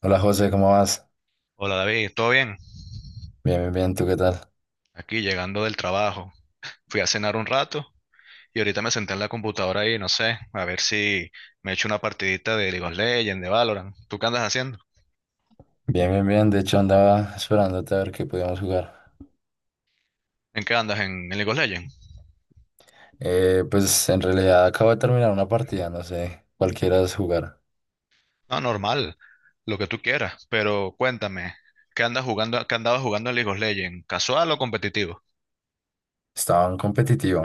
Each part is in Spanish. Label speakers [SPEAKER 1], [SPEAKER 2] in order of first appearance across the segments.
[SPEAKER 1] Hola José, ¿cómo vas?
[SPEAKER 2] Hola David, ¿todo bien?
[SPEAKER 1] Bien, bien, bien, ¿tú qué tal?
[SPEAKER 2] Aquí llegando del trabajo. Fui a cenar un rato y ahorita me senté en la computadora y no sé, a ver si me echo una partidita de League of Legends, de Valorant. ¿Tú qué andas haciendo?
[SPEAKER 1] Bien, bien, bien, de hecho andaba esperándote a ver qué podíamos jugar.
[SPEAKER 2] ¿En qué andas? ¿En League of Legends?
[SPEAKER 1] Pues en realidad acabo de terminar una partida, no sé, cualquiera es jugar.
[SPEAKER 2] No, normal, lo que tú quieras, pero cuéntame, ¿qué andas jugando, qué andabas jugando en League of Legends? ¿Casual o competitivo?
[SPEAKER 1] Estaba en competitivo.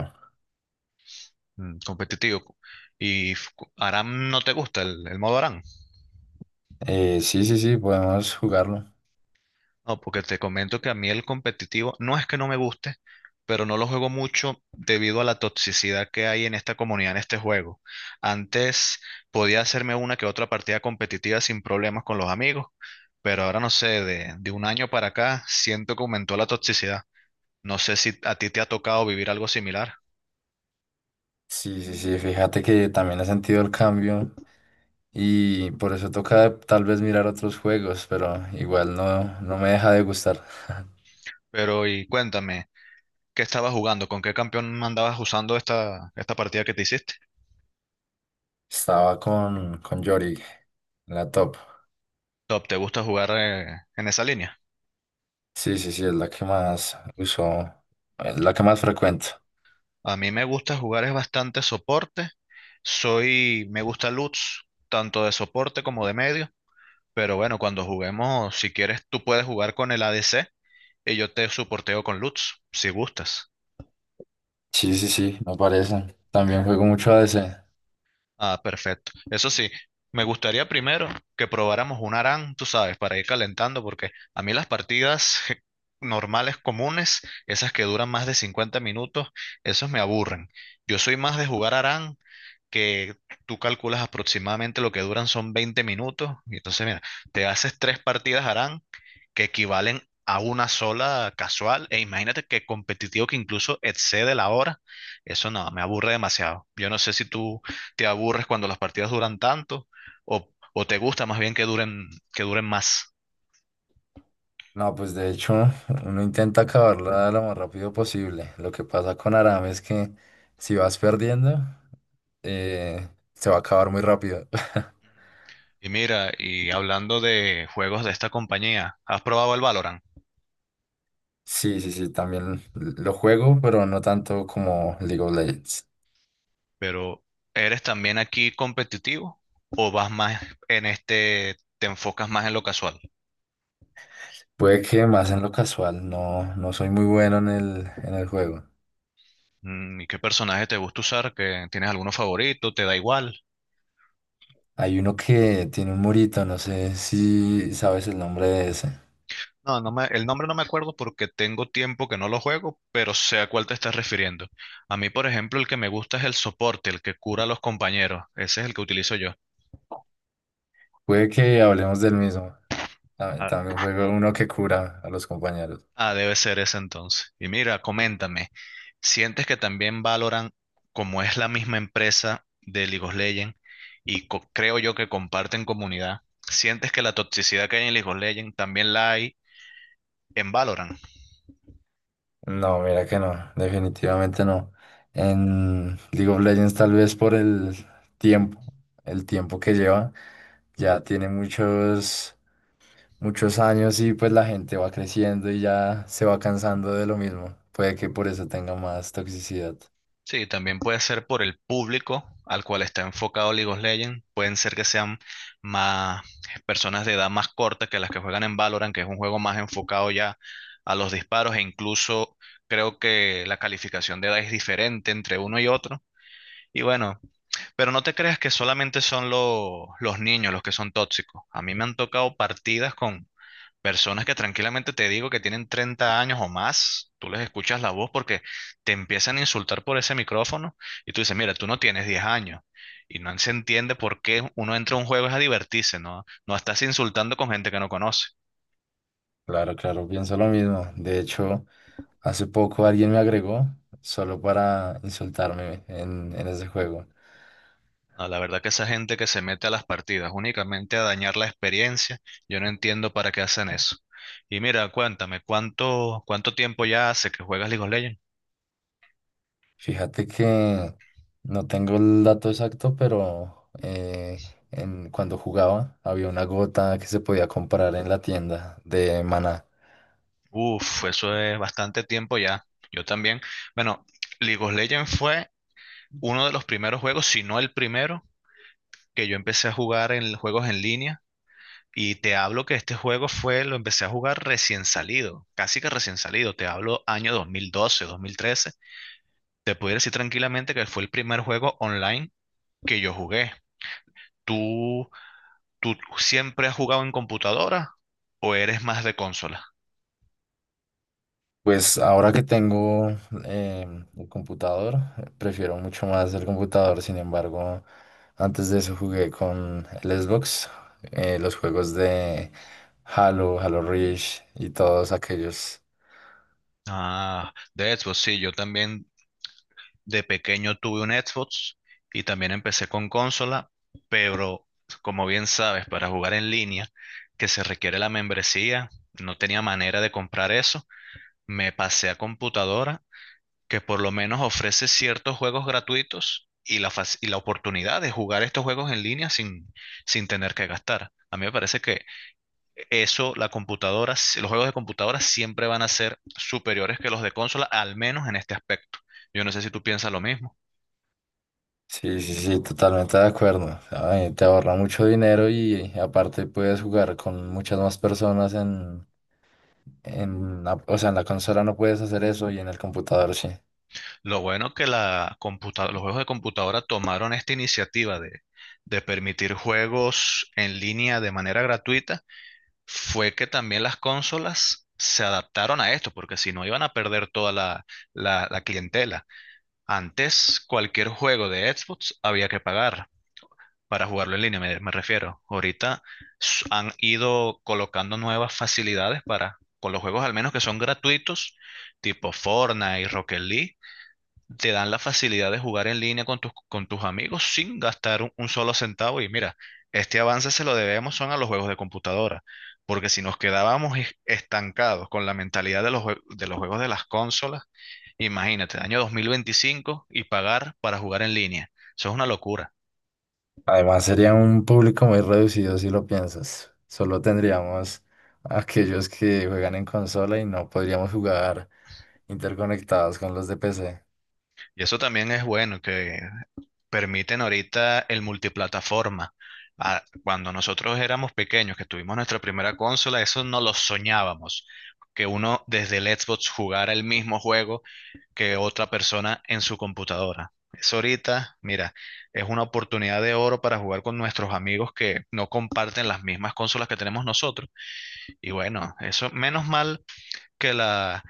[SPEAKER 2] Mm, competitivo. ¿Y Aram no te gusta el modo Aram?
[SPEAKER 1] Sí, sí, sí, podemos jugarlo.
[SPEAKER 2] No, porque te comento que a mí el competitivo no es que no me guste, pero no lo juego mucho debido a la toxicidad que hay en esta comunidad, en este juego. Antes podía hacerme una que otra partida competitiva sin problemas con los amigos, pero ahora no sé, de un año para acá siento que aumentó la toxicidad. No sé si a ti te ha tocado vivir algo similar,
[SPEAKER 1] Sí, sí, sí, fíjate que también he sentido el cambio y por eso toca tal vez mirar otros juegos, pero igual no, no me deja de gustar.
[SPEAKER 2] pero y cuéntame, ¿qué estabas jugando? ¿Con qué campeón andabas usando esta partida que te hiciste?
[SPEAKER 1] Estaba con Yorick, en la top.
[SPEAKER 2] Top, ¿te gusta jugar en esa línea?
[SPEAKER 1] Sí, sí, sí, es la que más uso, es la que más frecuento.
[SPEAKER 2] A mí me gusta jugar es bastante soporte. Soy, me gusta Lutz, tanto de soporte como de medio. Pero bueno, cuando juguemos, si quieres, tú puedes jugar con el ADC y yo te soporteo con Lutz, si gustas.
[SPEAKER 1] Sí, sí, sí, me parece. También juego mucho a ADC.
[SPEAKER 2] Ah, perfecto. Eso sí, me gustaría primero que probáramos un ARAM, tú sabes, para ir calentando, porque a mí las partidas normales, comunes, esas que duran más de 50 minutos, esas me aburren. Yo soy más de jugar ARAM que tú calculas aproximadamente lo que duran son 20 minutos. Y entonces, mira, te haces tres partidas harán que equivalen a una sola casual. E imagínate que competitivo que incluso excede la hora. Eso no, me aburre demasiado. Yo no sé si tú te aburres cuando las partidas duran tanto o te gusta más bien que duren, más.
[SPEAKER 1] No, pues de hecho, uno intenta acabarla lo más rápido posible. Lo que pasa con Aram es que si vas perdiendo, eh, se va a acabar muy rápido.
[SPEAKER 2] Y mira, y hablando de juegos de esta compañía, ¿has probado el Valorant?
[SPEAKER 1] Sí, sí, sí, también lo juego, pero no tanto como League of Legends.
[SPEAKER 2] Pero ¿eres también aquí competitivo o vas más te enfocas más en lo casual?
[SPEAKER 1] Puede que más en lo casual, no, no soy muy bueno en el juego.
[SPEAKER 2] Mm. ¿Y qué personaje te gusta usar? ¿Que tienes alguno favorito? ¿Te da igual?
[SPEAKER 1] Hay uno que tiene un murito, no sé si sabes el nombre de ese.
[SPEAKER 2] No, el nombre no me acuerdo porque tengo tiempo que no lo juego, pero sé a cuál te estás refiriendo. A mí, por ejemplo, el que me gusta es el soporte, el que cura a los compañeros. Ese es el que utilizo yo.
[SPEAKER 1] Puede que hablemos del mismo. También juego uno que cura a los compañeros.
[SPEAKER 2] Ah, debe ser ese entonces. Y mira, coméntame, ¿sientes que también Valorant, como es la misma empresa de League of Legends, y creo yo que comparten comunidad, ¿sientes que la toxicidad que hay en League of Legends también la hay en Valorant?
[SPEAKER 1] No, mira que no, definitivamente no. En League of Legends tal vez por tiempo, el tiempo que lleva, ya tiene muchos, muchos años y pues la gente va creciendo y ya se va cansando de lo mismo. Puede que por eso tenga más toxicidad.
[SPEAKER 2] Sí, también puede ser por el público al cual está enfocado League of Legends. Pueden ser que sean más personas de edad más corta que las que juegan en Valorant, que es un juego más enfocado ya a los disparos e incluso creo que la calificación de edad es diferente entre uno y otro. Y bueno, pero no te creas que solamente son los niños los que son tóxicos. A mí me han tocado partidas con personas que tranquilamente te digo que tienen 30 años o más, tú les escuchas la voz porque te empiezan a insultar por ese micrófono y tú dices, mira, tú no tienes 10 años. Y no se entiende por qué uno entra a un juego es a divertirse, ¿no? No estás insultando con gente que no conoce.
[SPEAKER 1] Claro, claro, pienso lo mismo. De hecho, hace poco alguien me agregó solo para insultarme en ese juego.
[SPEAKER 2] No, la verdad que esa gente que se mete a las partidas únicamente a dañar la experiencia, yo no entiendo para qué hacen eso. Y mira, cuéntame, ¿cuánto tiempo ya hace que juegas League of Legends?
[SPEAKER 1] Fíjate que no tengo el dato exacto, pero en, cuando jugaba había una gota que se podía comprar en la tienda de Maná.
[SPEAKER 2] Uf, eso es bastante tiempo ya. Yo también. Bueno, League of Legends fue uno de los primeros juegos, si no el primero, que yo empecé a jugar en juegos en línea. Y te hablo que este juego fue, lo empecé a jugar recién salido, casi que recién salido. Te hablo año 2012, 2013. Te pudiera decir tranquilamente que fue el primer juego online que yo jugué. ¿Tú, tú siempre has jugado en computadora o eres más de consola?
[SPEAKER 1] Pues ahora que tengo el computador, prefiero mucho más el computador. Sin embargo, antes de eso jugué con el Xbox, los juegos de Halo, Halo Reach y todos aquellos.
[SPEAKER 2] Ah, de Xbox, sí, yo también. De pequeño tuve un Xbox y también empecé con consola, pero como bien sabes, para jugar en línea, que se requiere la membresía, no tenía manera de comprar eso. Me pasé a computadora, que por lo menos ofrece ciertos juegos gratuitos y la oportunidad de jugar estos juegos en línea sin tener que gastar. A mí me parece que eso, la computadora, los juegos de computadora siempre van a ser superiores que los de consola, al menos en este aspecto. Yo no sé si tú piensas lo mismo.
[SPEAKER 1] Sí, sí, sí, totalmente de acuerdo. Ay, te ahorra mucho dinero y aparte puedes jugar con muchas más personas en, o sea, en la consola no puedes hacer eso y en el computador sí.
[SPEAKER 2] Lo bueno que la los juegos de computadora tomaron esta iniciativa de permitir juegos en línea de manera gratuita fue que también las consolas se adaptaron a esto, porque si no iban a perder toda la clientela. Antes, cualquier juego de Xbox había que pagar para jugarlo en línea, me refiero. Ahorita han ido colocando nuevas facilidades para, con los juegos al menos que son gratuitos, tipo Fortnite y Rocket League te dan la facilidad de jugar en línea con tus amigos sin gastar un solo centavo. Y mira, este avance se lo debemos son a los juegos de computadora, porque si nos quedábamos estancados con la mentalidad de los juegos de las consolas, imagínate, año 2025 y pagar para jugar en línea. Eso es una locura.
[SPEAKER 1] Además sería un público muy reducido si lo piensas. Solo tendríamos aquellos que juegan en consola y no podríamos jugar interconectados con los de PC.
[SPEAKER 2] Y eso también es bueno, que permiten ahorita el multiplataforma. Ah, cuando nosotros éramos pequeños, que tuvimos nuestra primera consola, eso no lo soñábamos, que uno desde el Xbox jugara el mismo juego que otra persona en su computadora. Eso ahorita, mira, es una oportunidad de oro para jugar con nuestros amigos que no comparten las mismas consolas que tenemos nosotros. Y bueno, eso, menos mal que la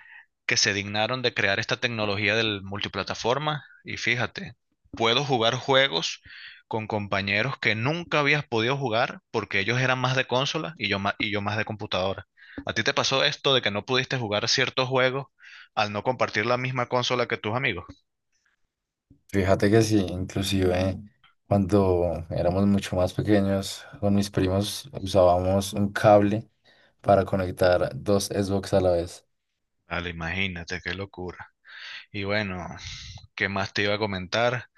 [SPEAKER 2] que se dignaron de crear esta tecnología del multiplataforma y fíjate, puedo jugar juegos con compañeros que nunca habías podido jugar porque ellos eran más de consola y yo más de computadora. ¿A ti te pasó esto de que no pudiste jugar ciertos juegos al no compartir la misma consola que tus amigos?
[SPEAKER 1] Fíjate que sí, inclusive cuando éramos mucho más pequeños con mis primos usábamos un cable para conectar dos Xbox a la vez.
[SPEAKER 2] Vale, imagínate, qué locura. Y bueno, ¿qué más te iba a comentar?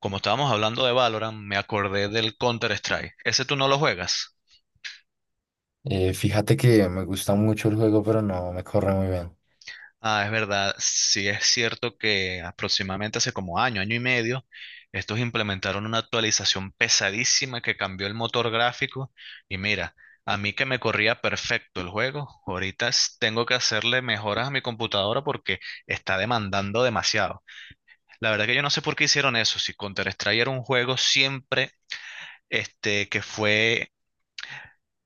[SPEAKER 2] Como estábamos hablando de Valorant, me acordé del Counter-Strike. ¿Ese tú no lo juegas?
[SPEAKER 1] Fíjate que me gusta mucho el juego, pero no me corre muy bien.
[SPEAKER 2] Ah, es verdad, sí es cierto que aproximadamente hace como año y medio, estos implementaron una actualización pesadísima que cambió el motor gráfico y mira, a mí que me corría perfecto el juego, ahorita tengo que hacerle mejoras a mi computadora porque está demandando demasiado. La verdad que yo no sé por qué hicieron eso, si Counter-Strike era un juego siempre que fue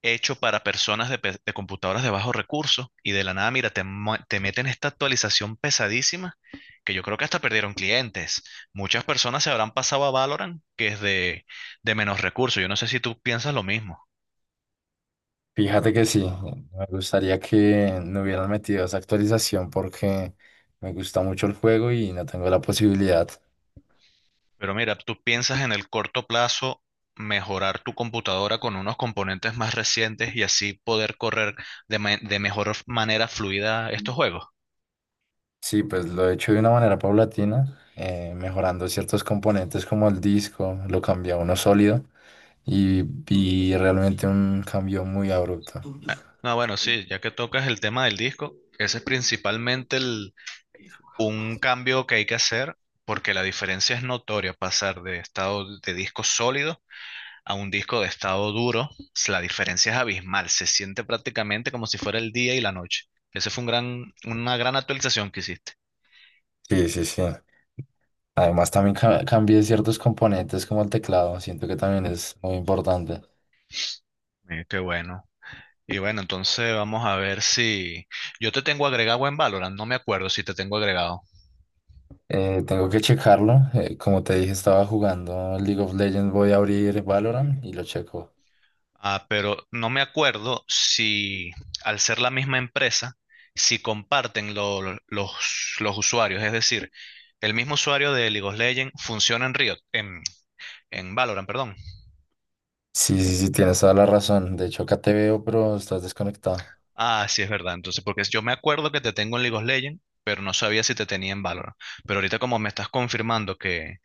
[SPEAKER 2] hecho para personas de computadoras de bajos recursos y de la nada, mira, te meten esta actualización pesadísima que yo creo que hasta perdieron clientes. Muchas personas se habrán pasado a Valorant, que es de menos recursos. Yo no sé si tú piensas lo mismo,
[SPEAKER 1] Fíjate que sí, me gustaría que no hubieran metido esa actualización porque me gusta mucho el juego y no tengo la posibilidad.
[SPEAKER 2] pero mira, tú piensas en el corto plazo mejorar tu computadora con unos componentes más recientes y así poder correr de mejor manera fluida estos juegos.
[SPEAKER 1] Sí, pues lo he hecho de una manera paulatina, mejorando ciertos componentes como el disco, lo cambié a uno sólido y realmente un cambio muy abrupto.
[SPEAKER 2] Ah, no, bueno, sí, ya que tocas el tema del disco, ese es principalmente el un cambio que hay que hacer porque la diferencia es notoria pasar de estado de disco sólido a un disco de estado duro. La diferencia es abismal, se siente prácticamente como si fuera el día y la noche. Ese fue una gran actualización que hiciste.
[SPEAKER 1] Sí, sí, sí. Además, también cambié ciertos componentes como el teclado. Siento que también es muy importante.
[SPEAKER 2] Qué bueno. Y bueno, entonces vamos a ver si yo te tengo agregado en Valorant, no me acuerdo si te tengo agregado.
[SPEAKER 1] Tengo que checarlo. Como te dije, estaba jugando League of Legends. Voy a abrir Valorant y lo checo.
[SPEAKER 2] Ah, pero no me acuerdo si al ser la misma empresa, si comparten los usuarios. Es decir, el mismo usuario de League of Legends funciona en Riot, en Valorant, perdón.
[SPEAKER 1] Sí, sí, sí, tienes toda la razón. De hecho, acá te veo, pero estás desconectado.
[SPEAKER 2] Ah, sí, es verdad. Entonces, porque yo me acuerdo que te tengo en League of Legends, pero no sabía si te tenía en Valorant. Pero ahorita como me estás confirmando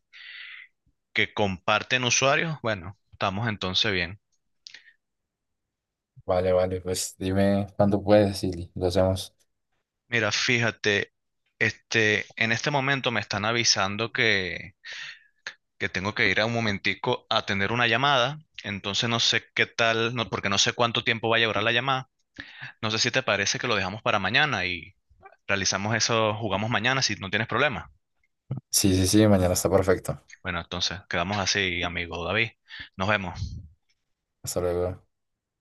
[SPEAKER 2] que comparten usuarios, bueno, estamos entonces bien.
[SPEAKER 1] Vale, vale, pues dime cuándo puedes y lo hacemos.
[SPEAKER 2] Mira, fíjate, en este momento me están avisando que tengo que ir a un momentico a atender una llamada. Entonces no sé qué tal, no, porque no sé cuánto tiempo vaya a durar la llamada. No sé si te parece que lo dejamos para mañana y realizamos eso, jugamos mañana si no tienes problema.
[SPEAKER 1] Sí, sí, sí, mañana está perfecto.
[SPEAKER 2] Bueno, entonces quedamos así, amigo David. Nos vemos.
[SPEAKER 1] Hasta luego.